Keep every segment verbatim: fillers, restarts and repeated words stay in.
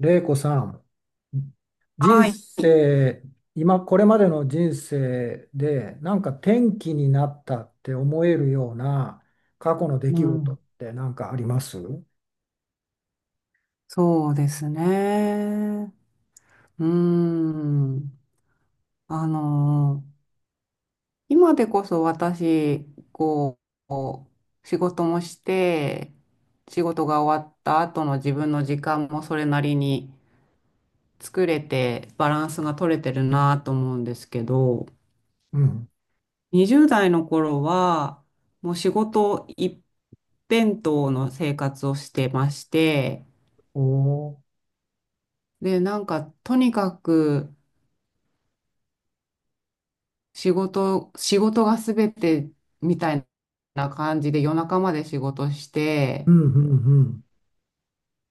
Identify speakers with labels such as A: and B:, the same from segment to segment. A: 玲子さん、人
B: はい。
A: 生、今、これまでの人生で、なんか転機になったって思えるような過去の出
B: う
A: 来
B: ん、
A: 事って何かありますう
B: そうですね。うん。あの、今でこそ私、こう、仕事もして、仕事が終わった後の自分の時間もそれなりに作れて、バランスが取れてるなと思うんですけど、
A: ん。
B: にじゅう代の頃は、もう仕事一辺倒の生活をしてまして、
A: おー
B: で、なんか、とにかく、仕事、仕事が全てみたいな感じで夜中まで仕事し
A: う
B: て、
A: んうん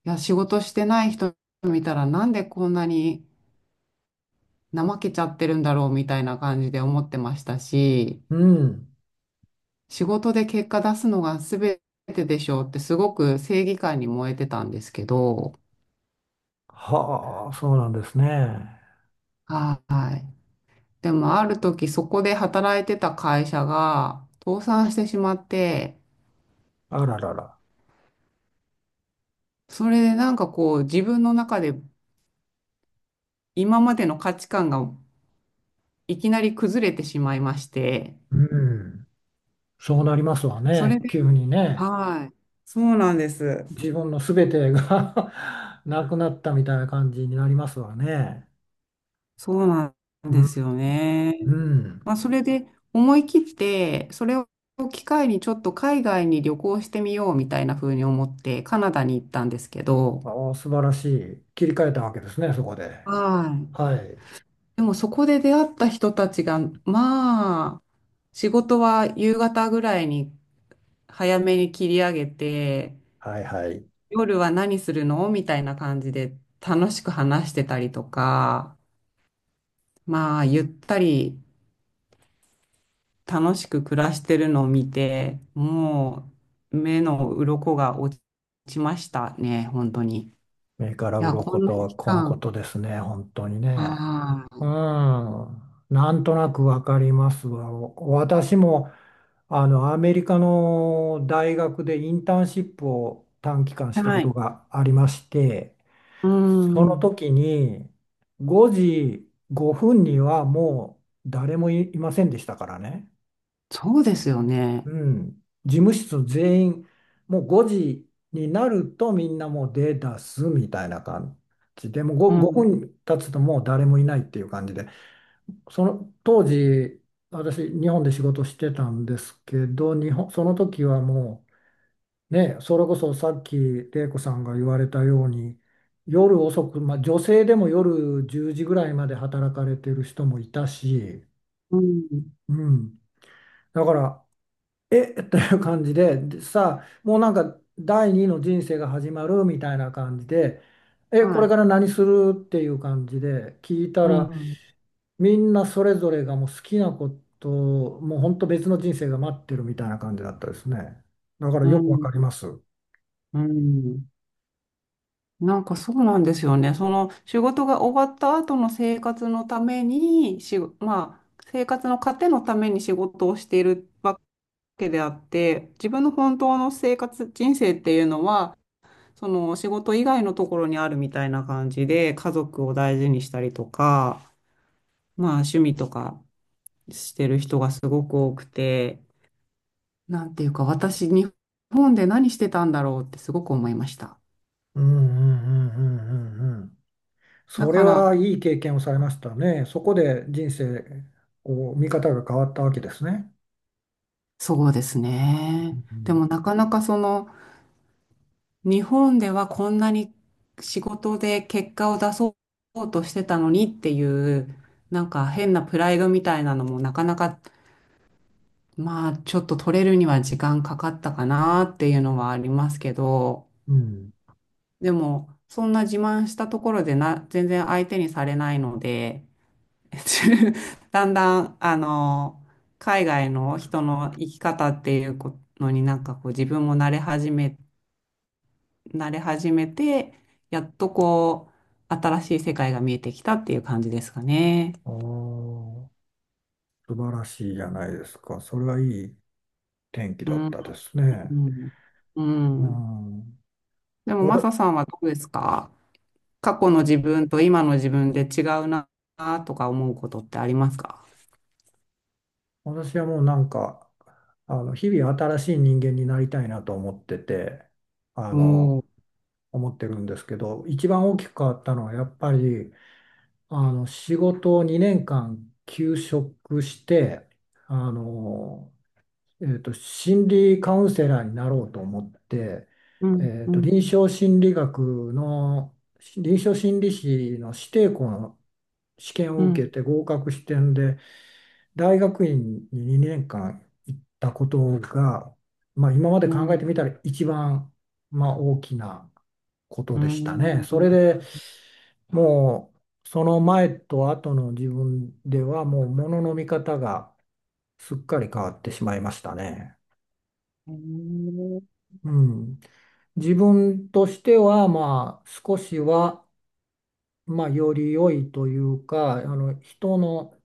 B: いや、仕事してない人見たらなんでこんなに怠けちゃってるんだろうみたいな感じで思ってましたし、
A: うん。うん。
B: 仕事で結果出すのが全てでしょうってすごく正義感に燃えてたんですけど、
A: はあ、そうなんですね。
B: はい。でもある時そこで働いてた会社が倒産してしまって、
A: あららら。
B: それでなんかこう自分の中で今までの価値観がいきなり崩れてしまいまして、
A: うん。そうなりますわ
B: それ
A: ね、急
B: で、
A: にね。
B: はい、そうなんです。
A: 自分の全てが なくなったみたいな感じになりますわね。
B: そうなん
A: う
B: で
A: ん。
B: すよね。
A: うん
B: まあ、それで思い切って、それを機会にちょっと海外に旅行してみようみたいな風に思って、カナダに行ったんですけど、
A: ああ、素晴らしい。切り替えたわけですね、そこで。
B: はい。
A: はい。
B: でもそこで出会った人たちが、まあ、仕事は夕方ぐらいに早めに切り上げて、
A: はいはい。
B: 夜は何するのみたいな感じで楽しく話してたりとか、まあ、ゆったり楽しく暮らしてるのを見て、もう目の鱗が落ちましたね、本当に。い
A: 目から
B: や、こ
A: 鱗
B: んな
A: とは
B: 期
A: このこ
B: 間、
A: とですね、本当にね。
B: あ
A: うん。なんとなくわかりますわ。私も、あの、アメリカの大学でインターンシップを短期間し
B: あ、
A: たこ
B: は
A: と
B: い。
A: がありまして、
B: う
A: その
B: ん、
A: 時にごじごふんにはもう誰もいいませんでしたからね。
B: そうですよね。
A: うん、事務室全員もうごじになるとみんなもう出だすみたいな感じでもう
B: う
A: ご,
B: ん、
A: 分経つともう誰もいないっていう感じでその当時私日本で仕事してたんですけど日本その時はもうね、それこそさっき玲子さんが言われたように夜遅く、まあ、女性でも夜じゅうじぐらいまで働かれてる人もいたし、
B: うん、
A: うん、だからえ という感じで、でさあ、もうなんか第二の人生が始まるみたいな感じで、え、こ
B: は
A: れ
B: い。
A: から何するっていう感じで聞いた
B: う
A: ら、
B: ん、
A: みんなそれぞれがもう好きなこと、もう本当別の人生が待ってるみたいな感じだったですね。だから
B: う
A: よくわ
B: ん、
A: かります。
B: うん。なんかそうなんですよね。その仕事が終わった後の生活のために、し、まあ、生活の糧のために仕事をしているわけであって、自分の本当の生活、人生っていうのは、その仕事以外のところにあるみたいな感じで、家族を大事にしたりとか、まあ趣味とかしてる人がすごく多くて、なんていうか私、日本で何してたんだろうってすごく思いました。
A: うんうんうんうんうんうん。
B: だ
A: それ
B: か
A: は
B: ら、
A: いい経験をされましたね。そこで人生、こう、見方が変わったわけですね。
B: そうですね。
A: う
B: で
A: ん。
B: もなかなかその日本ではこんなに仕事で結果を出そうとしてたのにっていうなんか変なプライドみたいなのもなかなかまあちょっと取れるには時間かかったかなっていうのはありますけど、
A: うん。
B: でもそんな自慢したところでな全然相手にされないので、 だんだんあの海外の人の生き方っていうこのになんかこう自分も慣れ始め慣れ始めて、やっとこう、新しい世界が見えてきたっていう感じですかね。
A: ああ。素晴らしいじゃないですか。それはいい天気
B: う
A: だっ
B: ん。
A: たです
B: う
A: ね。
B: ん。う
A: う
B: ん。
A: ん。
B: でも、
A: わ
B: マ
A: た
B: サさんはどうですか？過去の自分と今の自分で違うなとか思うことってありますか？
A: 私はもうなんか、あの、日々新しい人間になりたいなと思ってて、あ
B: お
A: の、
B: ー。
A: 思ってるんですけど、一番大きく変わったのはやっぱり、あの、仕事をにねんかん休職して、あの、えーと、心理カウンセラーになろうと思って、
B: うん、
A: えー
B: う
A: と、臨
B: ん、
A: 床心理学の臨床心理士の指定校の試験
B: う
A: を受け
B: ん、
A: て合格してんで大学院ににねんかん行ったことが、まあ、今まで
B: う
A: 考えて
B: ん、
A: みたら一番、まあ、大きなこと
B: う
A: でしたね。そ
B: ん。
A: れでもうその前と後の自分ではもうものの見方がすっかり変わってしまいましたね。うん、自分としては、まあ、少しは、まあ、より良いというか、あの、人の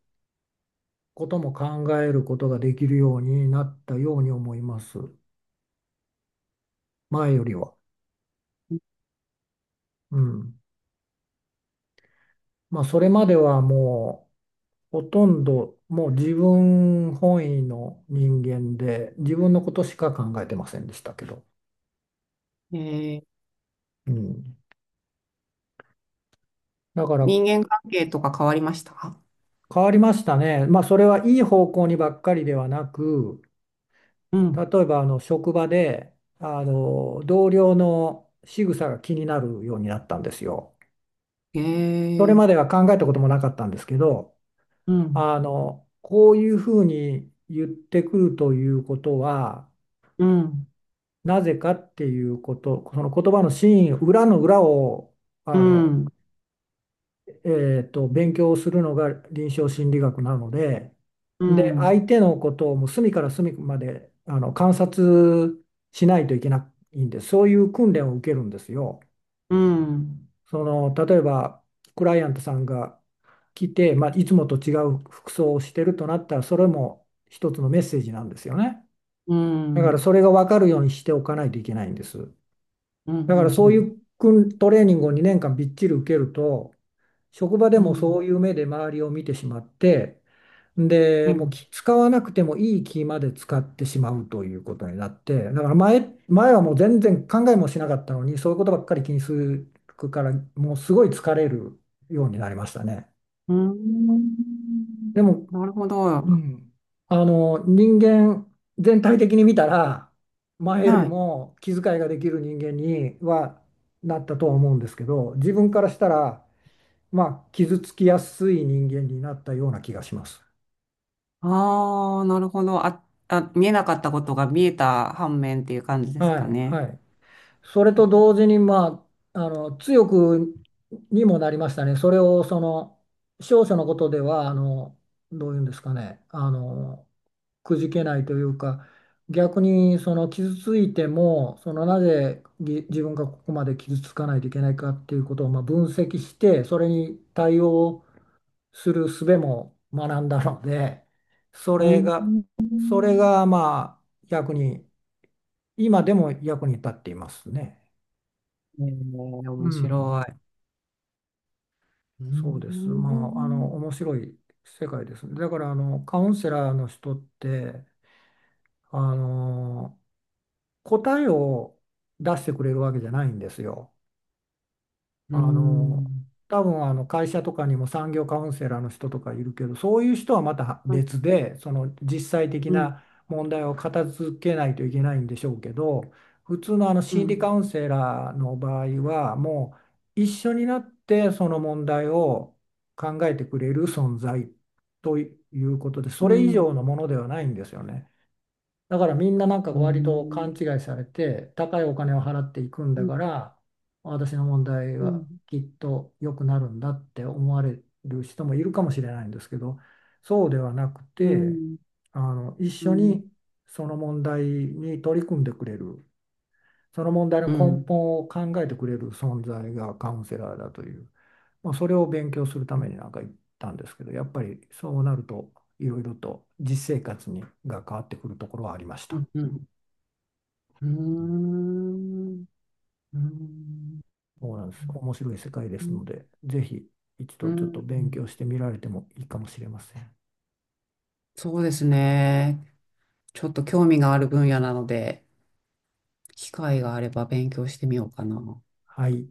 A: ことも考えることができるようになったように思います。前よりは。うん。まあ、それまではもう、ほとんど、もう自分本位の人間で、自分のことしか考えてませんでしたけど。
B: へーえー。
A: うん。だから、
B: 人間関係とか変わりました？
A: 変わりましたね。まあ、それはいい方向にばっかりではなく、
B: うん。
A: 例えばあの職場であの同僚の仕草が気になるようになったんですよ。
B: へ
A: それ
B: え、
A: までは考えたこともなかったんですけど、
B: うん、
A: あのこういうふうに言ってくるということは
B: うん、
A: なぜかっていうこと、その言葉の真意、裏の裏をあ
B: う
A: の
B: ん、
A: えーと、勉強をするのが臨床心理学なので、
B: う
A: で、相
B: ん、
A: 手のことをもう隅から隅まであの観察しないといけないんです、そういう訓練を受けるんですよ。
B: うん。
A: その例えばクライアントさんが来て、まあ、いつもと違う服装をしてるとなったら、それも一つのメッセージなんですよね。
B: う
A: だか
B: ん、う
A: らそ
B: ん、
A: れが分かるようにしておかないといけないんです。
B: うん、う
A: だからそうい
B: ん、
A: う訓トレーニングをにねんかんびっちり受けると、職場で
B: う
A: もそ
B: ん、
A: ういう目で周りを見てしまって、
B: う
A: で、もう
B: ん、
A: き使わなくてもいい気まで使ってしまうということになって、だから前、前はもう全然考えもしなかったのに、そういうことばっかり気にするから、もうすごい疲れるようになりましたね。
B: うん。
A: でも、
B: なるほど。
A: うん、あの、人間全体的に見たら、前より
B: はい。
A: も気遣いができる人間にはなったとは思うんですけど、自分からしたら、まあ、傷つきやすい人間になったような気がします。
B: ああ、なるほど。あ、あ、見えなかったことが見えた反面っていう感じです
A: は
B: か
A: い、
B: ね。
A: はい。それと同時に、まあ、あの、強くにもなりましたね。それを、その、少々のことでは、あの、どういうんですかね、あの、くじけないというか、逆に、その、傷ついても、その、なぜぎ自分がここまで傷つかないといけないかっていうことを、まあ、分析して、それに対応する術も学んだので、そ
B: う
A: れ
B: ん。
A: が、それがまあ役に、今でも役に立っていますね。
B: えー、
A: う
B: 面
A: ん、
B: 白い。う
A: そうです。まあ、あの、
B: ん。
A: 面白い世界ですね。だから、あの、カウンセラーの人って、あの、答えを出してくれるわけじゃないんですよ。
B: う
A: あの
B: ん。
A: 多分あの会社とかにも産業カウンセラーの人とかいるけどそういう人はまた
B: うん。
A: 別でその実際的
B: う
A: な問題を片付けないといけないんでしょうけど普通のあの心理カ
B: ん。
A: ウンセラーの場合はもう一緒になってその問題を考えてくれる存在ということで
B: う
A: それ以
B: ん。
A: 上のものではないんですよね。だからみんななんか
B: うん。う
A: 割と勘
B: ん。
A: 違いされて、高いお金を払っていくん
B: う
A: だ
B: ん。
A: から、私の問題
B: う
A: は
B: ん。
A: きっと良くなるんだって思われる人もいるかもしれないんですけど、そうではなく
B: う
A: て、
B: ん。
A: あの、一
B: う
A: 緒
B: ん。
A: にその問題に取り組んでくれる、その問題の
B: う
A: 根
B: ん。
A: 本を考えてくれる存在がカウンセラーだという、まあ、それを勉強するためになんか行ったんですけど、やっぱりそうなると、いろいろと実生活にが変わってくるところはありまし
B: う
A: た。
B: ん。うん。うーん。
A: そうなんです。面白い世界ですので、ぜひ一
B: う
A: 度ちょっと
B: ん、
A: 勉強してみられてもいいかもしれません。
B: そうですね。ちょっと興味がある分野なので、機会があれば勉強してみようかな。
A: はい。